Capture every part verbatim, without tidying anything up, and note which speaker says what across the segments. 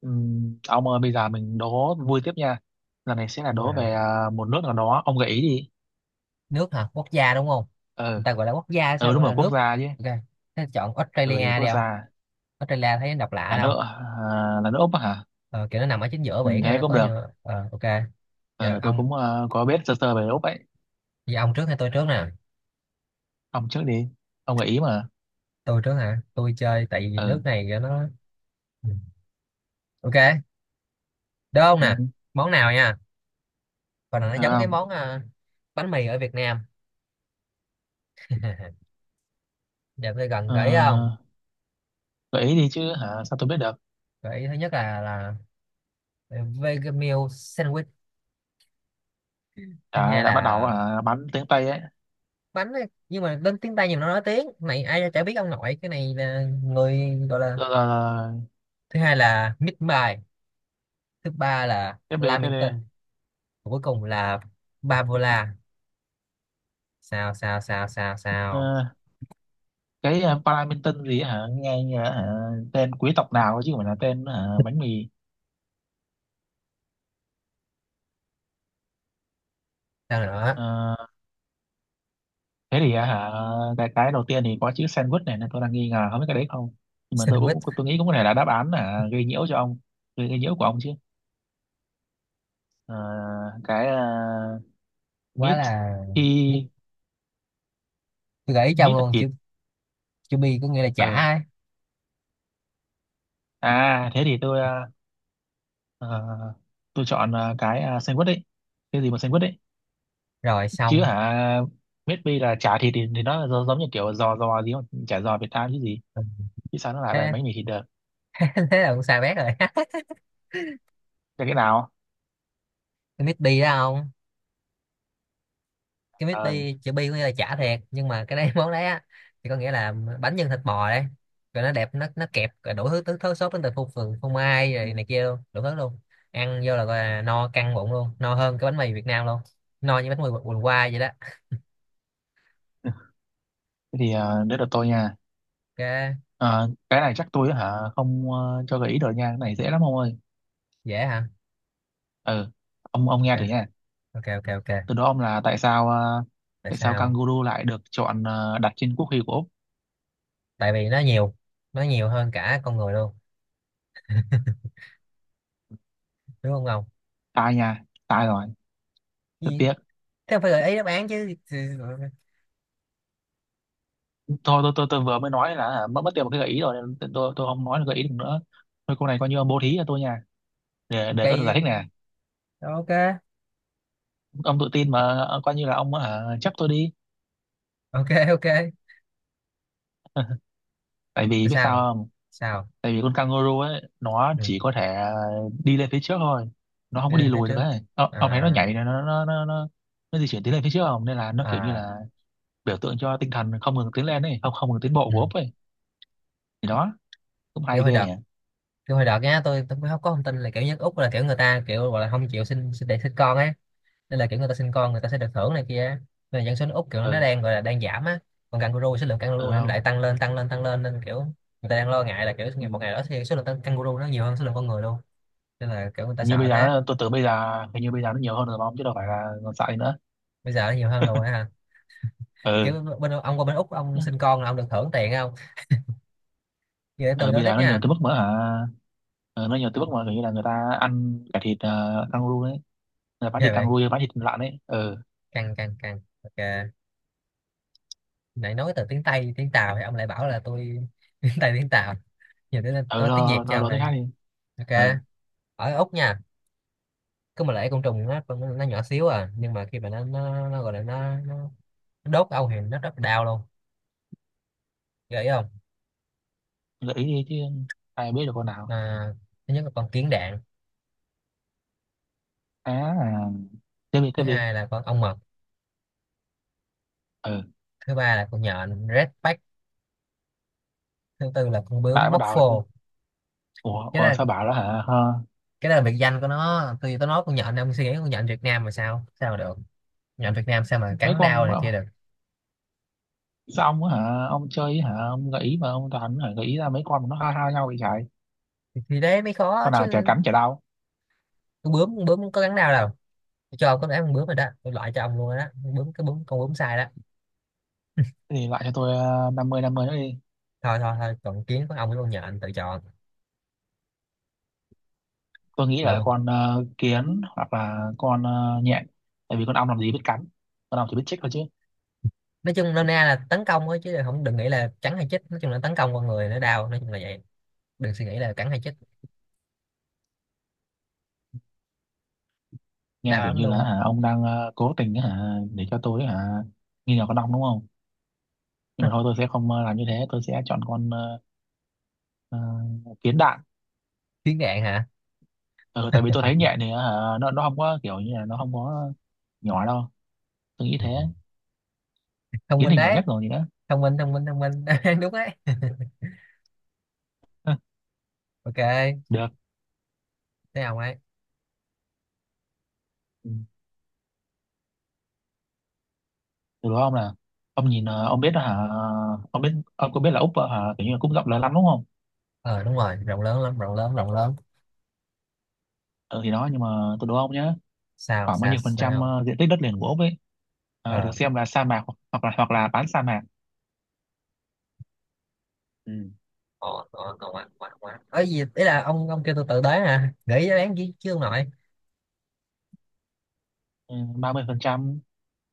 Speaker 1: Ừm, ông ơi bây giờ mình đố vui tiếp nha, lần này sẽ là
Speaker 2: Rồi
Speaker 1: đố
Speaker 2: hả?
Speaker 1: về à, một nước nào đó, ông gợi ý đi.
Speaker 2: Nước hả? Quốc gia đúng không?
Speaker 1: Ừ,
Speaker 2: Người ta gọi là quốc gia
Speaker 1: ừ
Speaker 2: sao
Speaker 1: đúng
Speaker 2: gọi
Speaker 1: rồi,
Speaker 2: là
Speaker 1: quốc
Speaker 2: nước?
Speaker 1: gia chứ.
Speaker 2: Ok. Thế chọn
Speaker 1: Ừ thì
Speaker 2: Australia đi
Speaker 1: quốc
Speaker 2: không?
Speaker 1: gia
Speaker 2: Australia thấy nó độc lạ
Speaker 1: là
Speaker 2: đâu.
Speaker 1: nước à, là nước Úc á hả.
Speaker 2: Ờ, kiểu nó nằm ở chính giữa
Speaker 1: Ừ,
Speaker 2: biển này
Speaker 1: thế
Speaker 2: nó
Speaker 1: cũng
Speaker 2: có
Speaker 1: được.
Speaker 2: nhiều ờ, ok. Giờ
Speaker 1: Ừ, tôi
Speaker 2: ông
Speaker 1: cũng à, có biết sơ sơ về Úc ấy.
Speaker 2: giờ ông trước hay tôi trước nè?
Speaker 1: Ông trước đi, ông gợi ý mà.
Speaker 2: Tôi trước hả? Tôi chơi tại vì nước
Speaker 1: Ừ.
Speaker 2: này kiểu nó. Ừ. Ok. Đúng không
Speaker 1: Ừ.
Speaker 2: nè? Món nào nha? Còn là nó
Speaker 1: Được
Speaker 2: giống cái
Speaker 1: không?
Speaker 2: món ờ, bánh mì ở Việt Nam. Giờ tôi gần
Speaker 1: Ờ,
Speaker 2: gợi ý không?
Speaker 1: gợi ý đi chứ, hả sao tôi biết được.
Speaker 2: Gợi ý thứ nhất là là vegan meal sandwich, thứ
Speaker 1: đã,
Speaker 2: hai
Speaker 1: đã bắt đầu
Speaker 2: là
Speaker 1: à, bắn tiếng Tây ấy.
Speaker 2: bánh ấy. Nhưng mà đến tiếng Tây nhiều nó nói tiếng này ai chả biết ông nội, cái này là người gọi là,
Speaker 1: Rồi, rồi, rồi.
Speaker 2: thứ hai là mít bài, thứ ba là
Speaker 1: Tiếp đi tiếp đi.
Speaker 2: Lamington. Và cuối cùng là Bavola. Sao sao sao sao sao,
Speaker 1: Ờ, cái uh, Paddington gì ấy hả, nghe như là hả, tên quý tộc nào ấy chứ không phải là tên hả, bánh mì.
Speaker 2: sao nữa?
Speaker 1: Ờ, thế thì à, hả cái cái đầu tiên thì có chữ sandwich này nên tôi đang nghi ngờ không biết cái đấy không, nhưng mà tôi cũng
Speaker 2: Sandwich
Speaker 1: tôi nghĩ cũng có thể là đáp án là gây nhiễu cho ông. Gây, gây nhiễu của ông chứ. Ờ, cái à,
Speaker 2: quá
Speaker 1: meat
Speaker 2: là
Speaker 1: thì
Speaker 2: biết. Tôi gợi ý trong
Speaker 1: meat là
Speaker 2: luôn
Speaker 1: thịt.
Speaker 2: chữ, chữ bi có nghĩa là chả
Speaker 1: Ờ
Speaker 2: ấy.
Speaker 1: à thế thì tôi à, ờ, tôi chọn à, cái à, sandwich đấy, cái gì mà sandwich đấy
Speaker 2: Rồi
Speaker 1: chứ
Speaker 2: xong.
Speaker 1: hả. Meat pie là chả thịt thì, thì nó giống giống như kiểu giò giò gì không, chả giò Việt Nam chứ gì,
Speaker 2: Ừ.
Speaker 1: chứ sao nó lại bánh
Speaker 2: Thế
Speaker 1: bánh mì thịt được.
Speaker 2: thế là cũng sai bét rồi.
Speaker 1: Cái cái nào?
Speaker 2: Mít bi đó không? Cái mít
Speaker 1: Ờ.
Speaker 2: bi, chữ bi có nghĩa là chả thiệt, nhưng mà cái đấy món đấy á thì có nghĩa là bánh nhân thịt bò đấy. Rồi nó đẹp, nó nó kẹp rồi đủ thứ thứ, thứ sốt, đến từ phô phường phô mai rồi này kia luôn đủ thứ luôn. Ăn vô là gọi là no căng bụng luôn, no hơn cái bánh mì Việt Nam luôn. No như bánh mì quần qua vậy đó.
Speaker 1: Thế thì à, đấy là tôi nha.
Speaker 2: Ok.
Speaker 1: Ờ, cái này chắc tôi á hả không ờ, cho gợi ý được nha, cái này dễ lắm ông ơi.
Speaker 2: Dễ hả?
Speaker 1: Ừ, ông ông
Speaker 2: ok
Speaker 1: nghe thử nha.
Speaker 2: ok ok Ok.
Speaker 1: Từ đó ông là tại sao ờ,
Speaker 2: Tại
Speaker 1: tại sao
Speaker 2: sao?
Speaker 1: kangaroo lại được chọn ờ, đặt trên quốc huy của Úc.
Speaker 2: Tại vì nó nhiều, nó nhiều hơn cả con người luôn. Đúng không Ngọc?
Speaker 1: Sai nha, sai rồi. Rất
Speaker 2: Gì?
Speaker 1: tiếc.
Speaker 2: Thế không phải gợi ý đáp án chứ. Thì-
Speaker 1: Thôi tôi tôi tôi vừa mới nói là hả, mất mất tiền một cái gợi ý rồi nên tôi tôi tôi không nói được gợi ý được nữa. Thôi cô này coi như ông bố thí cho tôi nha, để để tôi được giải thích
Speaker 2: cây,
Speaker 1: nè.
Speaker 2: ok.
Speaker 1: Ông tự tin mà. Ờ, coi như là ông hả, chấp tôi đi.
Speaker 2: Ok ok
Speaker 1: Tại vì
Speaker 2: Tại
Speaker 1: biết sao
Speaker 2: sao?
Speaker 1: không?
Speaker 2: Sao?
Speaker 1: Tại vì con kangaroo ấy nó
Speaker 2: Ừ.
Speaker 1: chỉ có thể đi lên phía trước thôi, nó không
Speaker 2: Đi
Speaker 1: có đi
Speaker 2: lên phía
Speaker 1: lùi được
Speaker 2: trước.
Speaker 1: ấy. Ờ, ông thấy nó
Speaker 2: À.
Speaker 1: nhảy này nó nó nó nó, nó di chuyển tiến lên phía trước không, nên là nó kiểu như
Speaker 2: À.
Speaker 1: là biểu tượng cho tinh thần không ngừng tiến lên ấy, không không ngừng tiến bộ
Speaker 2: Ừ.
Speaker 1: của ốc ấy. Thì đó, cũng
Speaker 2: Kiểu
Speaker 1: hay
Speaker 2: hồi
Speaker 1: ghê
Speaker 2: đợt,
Speaker 1: nhỉ.
Speaker 2: kiểu hồi đợt nhá, tôi tôi cũng không có thông tin là kiểu nhất Úc là kiểu người ta kiểu gọi là không chịu sinh sinh để sinh con á. Nên là kiểu người ta sinh con người ta sẽ được thưởng này kia á. Nên là dân số nước Úc kiểu nó
Speaker 1: Ừ.
Speaker 2: đang gọi là đang giảm á. Còn kangaroo, số lượng
Speaker 1: Ừ
Speaker 2: kangaroo thì nó
Speaker 1: không.
Speaker 2: lại tăng lên tăng lên tăng lên nên kiểu người ta đang lo ngại là kiểu
Speaker 1: Ừ.
Speaker 2: ngày một ngày đó thì số lượng tăng- kangaroo nó nhiều hơn số lượng con người luôn. Nên là kiểu người ta
Speaker 1: Hình như
Speaker 2: sợ
Speaker 1: bây giờ
Speaker 2: thế.
Speaker 1: nó, tôi tưởng bây giờ hình như bây giờ nó nhiều hơn rồi mà ông chứ đâu phải là còn sợ nữa.
Speaker 2: Bây giờ nó nhiều hơn rồi ha.
Speaker 1: Ừ.
Speaker 2: Kiểu bên ông qua bên Úc ông sinh con là ông được thưởng tiền không? Vậy để tôi
Speaker 1: Ừ
Speaker 2: nói
Speaker 1: bây giờ
Speaker 2: tiếp
Speaker 1: nó nhiều
Speaker 2: nha.
Speaker 1: tới mức mà hả, ừ, nó nhiều tới mức mà kiểu như là người ta ăn cả thịt uh, kangaroo đấy, người ta bán
Speaker 2: Về
Speaker 1: thịt
Speaker 2: vậy,
Speaker 1: kangaroo bán thịt lợn ấy. Ừ.
Speaker 2: căng căng căng, ok. Nãy nói từ tiếng Tây tiếng Tàu thì ông lại bảo là tôi tiếng Tây tiếng Tàu, giờ tôi
Speaker 1: Ừ rồi
Speaker 2: nói tiếng Việt
Speaker 1: rồi
Speaker 2: cho
Speaker 1: rồi,
Speaker 2: ông
Speaker 1: đồ thứ
Speaker 2: đây.
Speaker 1: khác đi. Ừ.
Speaker 2: Ok. Ở Úc nha, cứ mà lại côn trùng nó nó nhỏ xíu à, nhưng mà khi mà nó nó, nó gọi là nó, nó nó đốt ông thì nó rất là đau luôn. Gợi không?
Speaker 1: Gợi ý đi chứ, ai biết được con nào.
Speaker 2: à, Thứ nhất là con kiến đạn,
Speaker 1: À, tiếp đi
Speaker 2: thứ
Speaker 1: tiếp đi.
Speaker 2: hai là con ong mật,
Speaker 1: Ừ.
Speaker 2: thứ ba là con nhện redback, thứ tư là con bướm
Speaker 1: Lại bắt
Speaker 2: móc
Speaker 1: đầu rồi chứ.
Speaker 2: phô.
Speaker 1: Ủa,
Speaker 2: Cái
Speaker 1: ủa
Speaker 2: là,
Speaker 1: sao bảo đó hả? Hả?
Speaker 2: cái đó là biệt danh của nó. Tôi tôi nói con nhện ông suy nghĩ con nhện Việt Nam mà sao sao mà được. Nhện Việt Nam sao mà
Speaker 1: Mấy
Speaker 2: cắn đau
Speaker 1: con.
Speaker 2: này kia được.
Speaker 1: Sao ông á hả ông chơi hả, ông gợi ý mà ông toàn hả gợi ý ra mấy con mà nó ha ha nhau vậy trời.
Speaker 2: Thì thế mới khó
Speaker 1: Con nào chả
Speaker 2: chứ.
Speaker 1: cắn chả đau.
Speaker 2: Con bướm con bướm có cắn đau đâu. Tôi cho ông có ném con bướm rồi đó, tôi loại cho ông luôn rồi đó. Con bướm, cái bướm, con bướm sai đó.
Speaker 1: Thế thì lại cho tôi ờ, năm mươi năm mươi nữa đi.
Speaker 2: Thôi thôi thôi, còn kiến, con ong với con nhện, anh tự chọn.
Speaker 1: Tôi nghĩ là
Speaker 2: Lộn.
Speaker 1: con ờ, kiến hoặc là con ờ, nhện. Tại vì con ong làm gì biết cắn, con ong chỉ biết chích thôi chứ.
Speaker 2: Nói chung nôm na là tấn công thôi chứ không, đừng nghĩ là cắn hay chích. Nói chung là tấn công con người nó đau, nói chung là vậy. Đừng suy nghĩ là cắn hay chích.
Speaker 1: Nghe
Speaker 2: Đau
Speaker 1: kiểu
Speaker 2: lắm
Speaker 1: như là
Speaker 2: luôn.
Speaker 1: hả ông đang ờ, cố tình hả để cho tôi hả nghi ngờ con ong đúng không. Nhưng
Speaker 2: Á.
Speaker 1: mà thôi tôi sẽ không ờ, làm như thế, tôi sẽ chọn con ờ, ờ, kiến đạn.
Speaker 2: Kiến gạn hả?
Speaker 1: Ừ, tại vì tôi thấy nhẹ thì ờ, nó nó không có kiểu như là nó không có nhỏ đâu, tôi nghĩ
Speaker 2: Ừ.
Speaker 1: thế.
Speaker 2: Thông
Speaker 1: Kiến
Speaker 2: minh
Speaker 1: thì nhỏ
Speaker 2: đấy.
Speaker 1: nhất rồi gì đó.
Speaker 2: Thông minh thông minh thông minh đúng đấy.
Speaker 1: Hừ,
Speaker 2: Ok.
Speaker 1: được.
Speaker 2: Thế ông ấy,
Speaker 1: Ừ. Từ đó ông là ông nhìn ờ, ông biết đó hả, ông biết ông có biết là úc ờ, hả kiểu như là cũng rộng lớn lắm đúng không.
Speaker 2: ờ đúng rồi rộng lớn lắm, rộng lớn rộng lớn.
Speaker 1: Ừ, thì đó nhưng mà tôi đố ông nhé,
Speaker 2: Sao
Speaker 1: khoảng bao
Speaker 2: sao
Speaker 1: nhiêu phần trăm
Speaker 2: sao?
Speaker 1: ờ, diện tích đất liền của úc ấy ờ, được
Speaker 2: ờ
Speaker 1: xem là sa mạc hoặc hoặc là hoặc là bán sa mạc. Ừ.
Speaker 2: ờ ờ, Còn quá ngon quá quá ấy gì, ý là ông ông kêu tôi tự tới hả nghĩ đáp án chứ chưa, ông nội.
Speaker 1: Ừ, ba mươi phần trăm,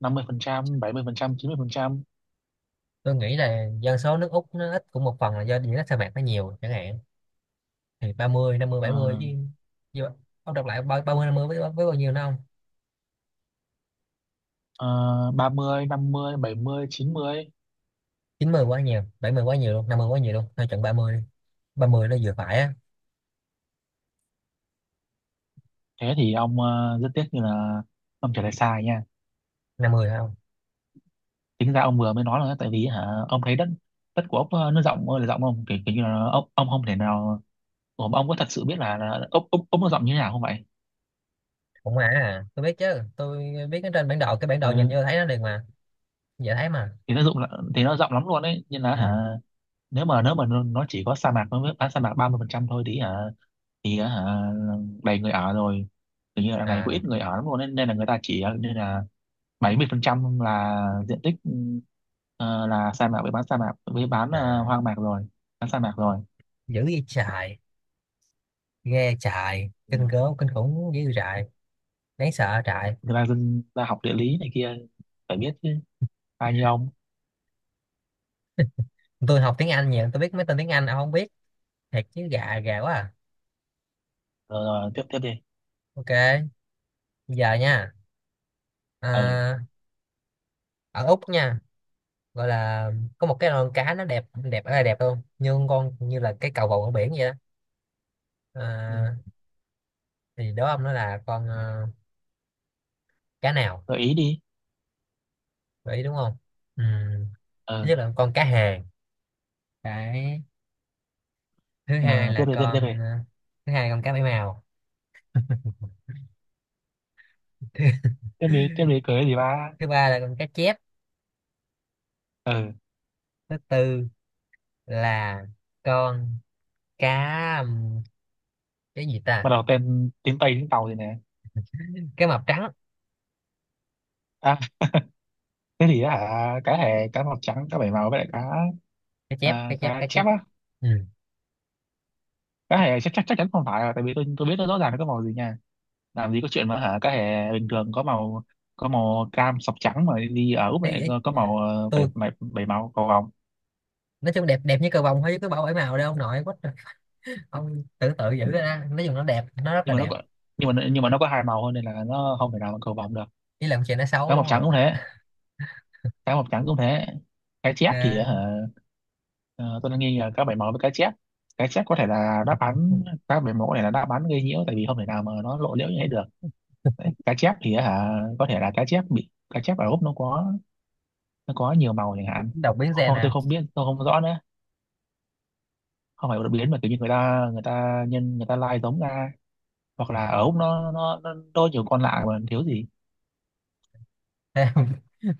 Speaker 1: năm mươi phần trăm, bảy mươi phần trăm, chín mươi phần trăm.
Speaker 2: Tôi nghĩ là dân số nước Úc nó ít cũng một phần là do diện tích sa mạc nó nhiều chẳng hạn. Thì ba mươi năm mươi bảy mươi
Speaker 1: Ờ,
Speaker 2: chứ. Chứ ông đọc lại ba- 30 năm mươi với, với bao nhiêu nó không.
Speaker 1: uh, ba mươi, năm mươi, bảy mươi, chín mươi.
Speaker 2: Chín mươi quá nhiều, bảy mươi quá nhiều luôn, năm mươi quá nhiều luôn, thôi chọn ba mươi đi. Ba mươi nó vừa phải á.
Speaker 1: Thế thì ông ờ, rất tiếc như là ông trả lời sai nha.
Speaker 2: năm mươi phải không?
Speaker 1: Tính ra ông vừa mới nói là tại vì hả ông thấy đất, đất của ốc ờ, nó rộng ơi là rộng không kiểu, kiểu như là ông ông không thể nào. Ủa, mà ông có thật sự biết là, là ốc ốc ốc nó rộng như thế nào không vậy.
Speaker 2: Cũng mà à tôi biết chứ, tôi biết cái trên bản đồ, cái bản đồ nhìn
Speaker 1: Ừ,
Speaker 2: vô thấy nó liền mà. Dễ thấy mà.
Speaker 1: thì nó rộng là- thì nó rộng lắm luôn đấy nhưng là
Speaker 2: Ừ.
Speaker 1: hả, nếu mà nếu mà nó nó chỉ có sa mạc nó mới bán sa mạc ba mươi phần trăm thôi thì hả, thì hả đầy người ở rồi. Tự nhiên là đằng này có
Speaker 2: À.
Speaker 1: ít người ở lắm luôn nên, nên là người ta chỉ ờ, nên là bảy mươi phần trăm là diện tích ờ, là sa mạc với bán sa mạc với bán ờ,
Speaker 2: À.
Speaker 1: hoang mạc rồi, bán sa mạc rồi.
Speaker 2: Dữ vậy trời. Ghê trời,
Speaker 1: Ừ.
Speaker 2: kinh gớm, kinh khủng, dữ trại. Đáng sợ trại.
Speaker 1: Người ta dân ta học địa lý này kia phải biết chứ, ai như ông.
Speaker 2: Tôi học tiếng Anh nhiều, tôi biết mấy tên tiếng Anh ông không biết. Thiệt chứ, gà gà quá à.
Speaker 1: Rồi, rồi tiếp tiếp đi.
Speaker 2: Ok. Giờ nha.
Speaker 1: Ừ.
Speaker 2: à, Ở Úc nha, gọi là có một cái con cá, nó đẹp đẹp ở đây đẹp luôn, nhưng con như là cái cầu vồng ở biển vậy đó.
Speaker 1: Ừ.
Speaker 2: À, thì đó ông, nó là con ờ, cá nào?
Speaker 1: Gợi ý đi.
Speaker 2: Gợi ý đúng không? Ừ. Thứ
Speaker 1: Ừ.
Speaker 2: nhất là con cá hàng. Cái thứ hai
Speaker 1: Ờ, tiếp
Speaker 2: là
Speaker 1: đi tiếp đi tiếp đi.
Speaker 2: con ờ, thứ hai là con cá bảy màu. thứ,
Speaker 1: Tiếp đi tiếp đi cưới gì ba.
Speaker 2: Thứ ba là con cá chép.
Speaker 1: Ừ.
Speaker 2: Thứ tư là con cá ừm, cái gì
Speaker 1: Bắt
Speaker 2: ta,
Speaker 1: đầu tên tiếng Tây tiếng Tàu gì nè.
Speaker 2: cá mập trắng.
Speaker 1: À, cái gì á hả, cá hề cá màu trắng cá bảy màu với lại cá.
Speaker 2: Cá chép cá
Speaker 1: À,
Speaker 2: chép
Speaker 1: cá
Speaker 2: cá
Speaker 1: chép
Speaker 2: chép.
Speaker 1: á.
Speaker 2: Ừ.
Speaker 1: Cá hề chắc chắc chắc chắn không phải rồi, tại vì tôi tôi biết nó rõ ràng nó có màu gì nha. Làm gì có chuyện mà hả cái hè bình thường có màu, có màu cam sọc trắng mà đi ở Úc
Speaker 2: Ý,
Speaker 1: lại
Speaker 2: ý,
Speaker 1: có, có màu ờ, bảy,
Speaker 2: tôi
Speaker 1: bảy, bảy màu cầu vồng.
Speaker 2: nói chung đẹp, đẹp như cờ vồng thôi chứ cứ bảo bảy màu đâu ông nội quá. Ông tự tự giữ ra, nói chung nó đẹp, nó rất
Speaker 1: Nhưng
Speaker 2: là
Speaker 1: mà nó
Speaker 2: đẹp.
Speaker 1: có, nhưng mà nhưng mà nó có hai màu thôi nên là nó không thể nào mà cầu vồng được.
Speaker 2: Chỉ làm chuyện nó xấu
Speaker 1: Cá mập
Speaker 2: đúng
Speaker 1: trắng
Speaker 2: không.
Speaker 1: cũng thế, cá mập trắng cũng thế. Cá chép thì
Speaker 2: À,
Speaker 1: hả, ờ, tôi đang nghi là cá bảy màu với cá chép. Cá chép có thể là đáp án, cá bảy màu có thể là đáp án gây nhiễu tại vì không thể nào mà nó lộ liễu như thế được. Đấy, cá chép thì hả, có thể là cá chép bị cá chép ở Úc nó có, nó có nhiều màu chẳng hạn.
Speaker 2: đọc biến xe
Speaker 1: Ô,
Speaker 2: nè.
Speaker 1: tôi không biết tôi không rõ nữa. Không phải đột biến mà kiểu như người ta người ta nhân người ta lai giống ra, hoặc là ở Úc nó nó nó đôi nhiều con lạ mà thiếu gì.
Speaker 2: Theo,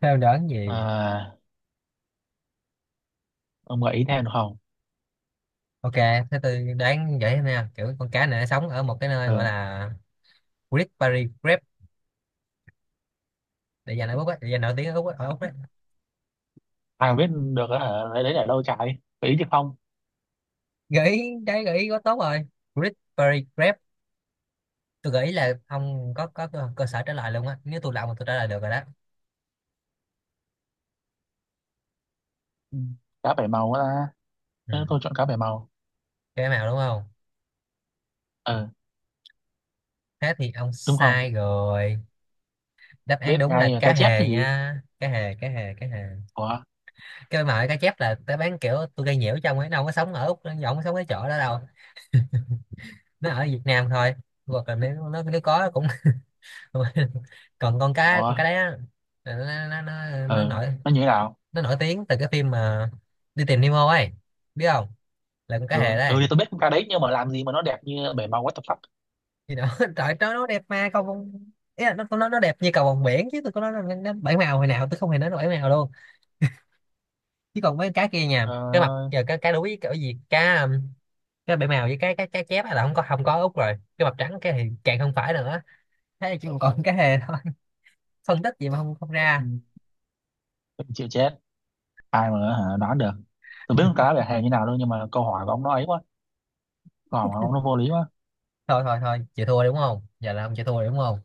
Speaker 2: theo đoán gì.
Speaker 1: À, ông gợi ý thêm được không?
Speaker 2: Ok thế tôi đoán vậy nè. Kiểu con cá này nó sống ở một cái nơi gọi
Speaker 1: Ừ.
Speaker 2: là Great Barrier Reef. Để dành ở Úc á, để dành nổi tiếng ở Úc á- ở Úc đấy.
Speaker 1: Ai mà biết được á hả, lấy đấy để đâu trái, gợi ý chứ không.
Speaker 2: Gợi ý đấy, gợi ý quá tốt rồi. Great Barrier Reef. Tôi gợi ý là ông có có cơ, cơ sở trả lời luôn á, nếu tôi là ông mà tôi trả lời được rồi đó.
Speaker 1: Ừ. Cá bảy màu á ta.
Speaker 2: Ừ.
Speaker 1: Ừ, tôi chọn cá bảy màu.
Speaker 2: Cái màu đúng không?
Speaker 1: Ừ.
Speaker 2: Thế thì ông
Speaker 1: Đúng không?
Speaker 2: sai rồi. Đáp án
Speaker 1: Biết
Speaker 2: đúng là
Speaker 1: ngay là
Speaker 2: cá
Speaker 1: cá chép chứ
Speaker 2: hề
Speaker 1: gì.
Speaker 2: nha. Cá hề cá hề cá hề.
Speaker 1: Ủa.
Speaker 2: Cái mà cá chép là tao bán, kiểu tôi gây nhiễu cho ông ấy, nó không có sống ở Úc, nó không có sống cái chỗ đó đâu. Nó ở Việt Nam thôi. Hoặc là nếu nó, nếu có cũng còn con cá,
Speaker 1: Ủa.
Speaker 2: con cá đấy á, nó, nó, nó, nó
Speaker 1: Ừ.
Speaker 2: nổi,
Speaker 1: Nó như thế nào?
Speaker 2: nó nổi tiếng từ cái phim mà đi tìm Nemo ấy, biết không, là con cá hề
Speaker 1: Ừ. Ừ
Speaker 2: đấy.
Speaker 1: thì tôi biết con cá đấy nhưng mà làm gì mà nó đẹp như bảy màu what the fuck.
Speaker 2: Thì nó trời nó nó đẹp mà cầu vồng, ý là nó nó nó đẹp như cầu vồng biển, chứ tôi có nói là nó, nó bảy màu hồi nào, tôi không hề nói nó bảy màu luôn. Chứ còn mấy cái kia nha,
Speaker 1: Ờ,
Speaker 2: cái mặt giờ cái cái đuối cái gì cá um, cái bể màu với cái cái cái chép là không có, không có út rồi, cái mập trắng cái thì càng không phải nữa. Thế là chỉ còn cái hề thôi. Phân tích gì mà không không ra.
Speaker 1: ừ. Chịu chết, ai mà hả đoán được. Tôi biết con cá bảy hề như nào đâu, nhưng mà câu hỏi của ông nó ấy quá, còn không nó vô lý quá.
Speaker 2: Thôi thôi thôi, chịu thua đúng không, giờ là ông chịu thua đúng không?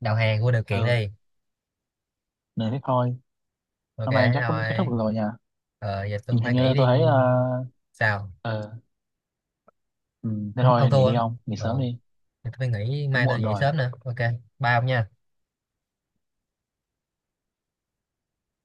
Speaker 2: Đầu hàng vô điều kiện
Speaker 1: Ừ
Speaker 2: đi.
Speaker 1: nên thế thôi.
Speaker 2: Ok
Speaker 1: Hôm nay
Speaker 2: thế
Speaker 1: chắc cũng kết thúc
Speaker 2: thôi.
Speaker 1: được rồi nha.
Speaker 2: Ờ giờ tôi
Speaker 1: Hình hình
Speaker 2: phải nghỉ
Speaker 1: như tôi
Speaker 2: đi.
Speaker 1: thấy ờ.
Speaker 2: Sao?
Speaker 1: Ờ, ừ, thế
Speaker 2: Ông, ông
Speaker 1: thôi nghỉ
Speaker 2: thua.
Speaker 1: đi, ông nghỉ sớm
Speaker 2: Ờ,
Speaker 1: đi.
Speaker 2: tôi phải nghỉ,
Speaker 1: Cũng
Speaker 2: mai tôi
Speaker 1: muộn
Speaker 2: dậy
Speaker 1: rồi.
Speaker 2: sớm nữa. Ok. Bye ông nha.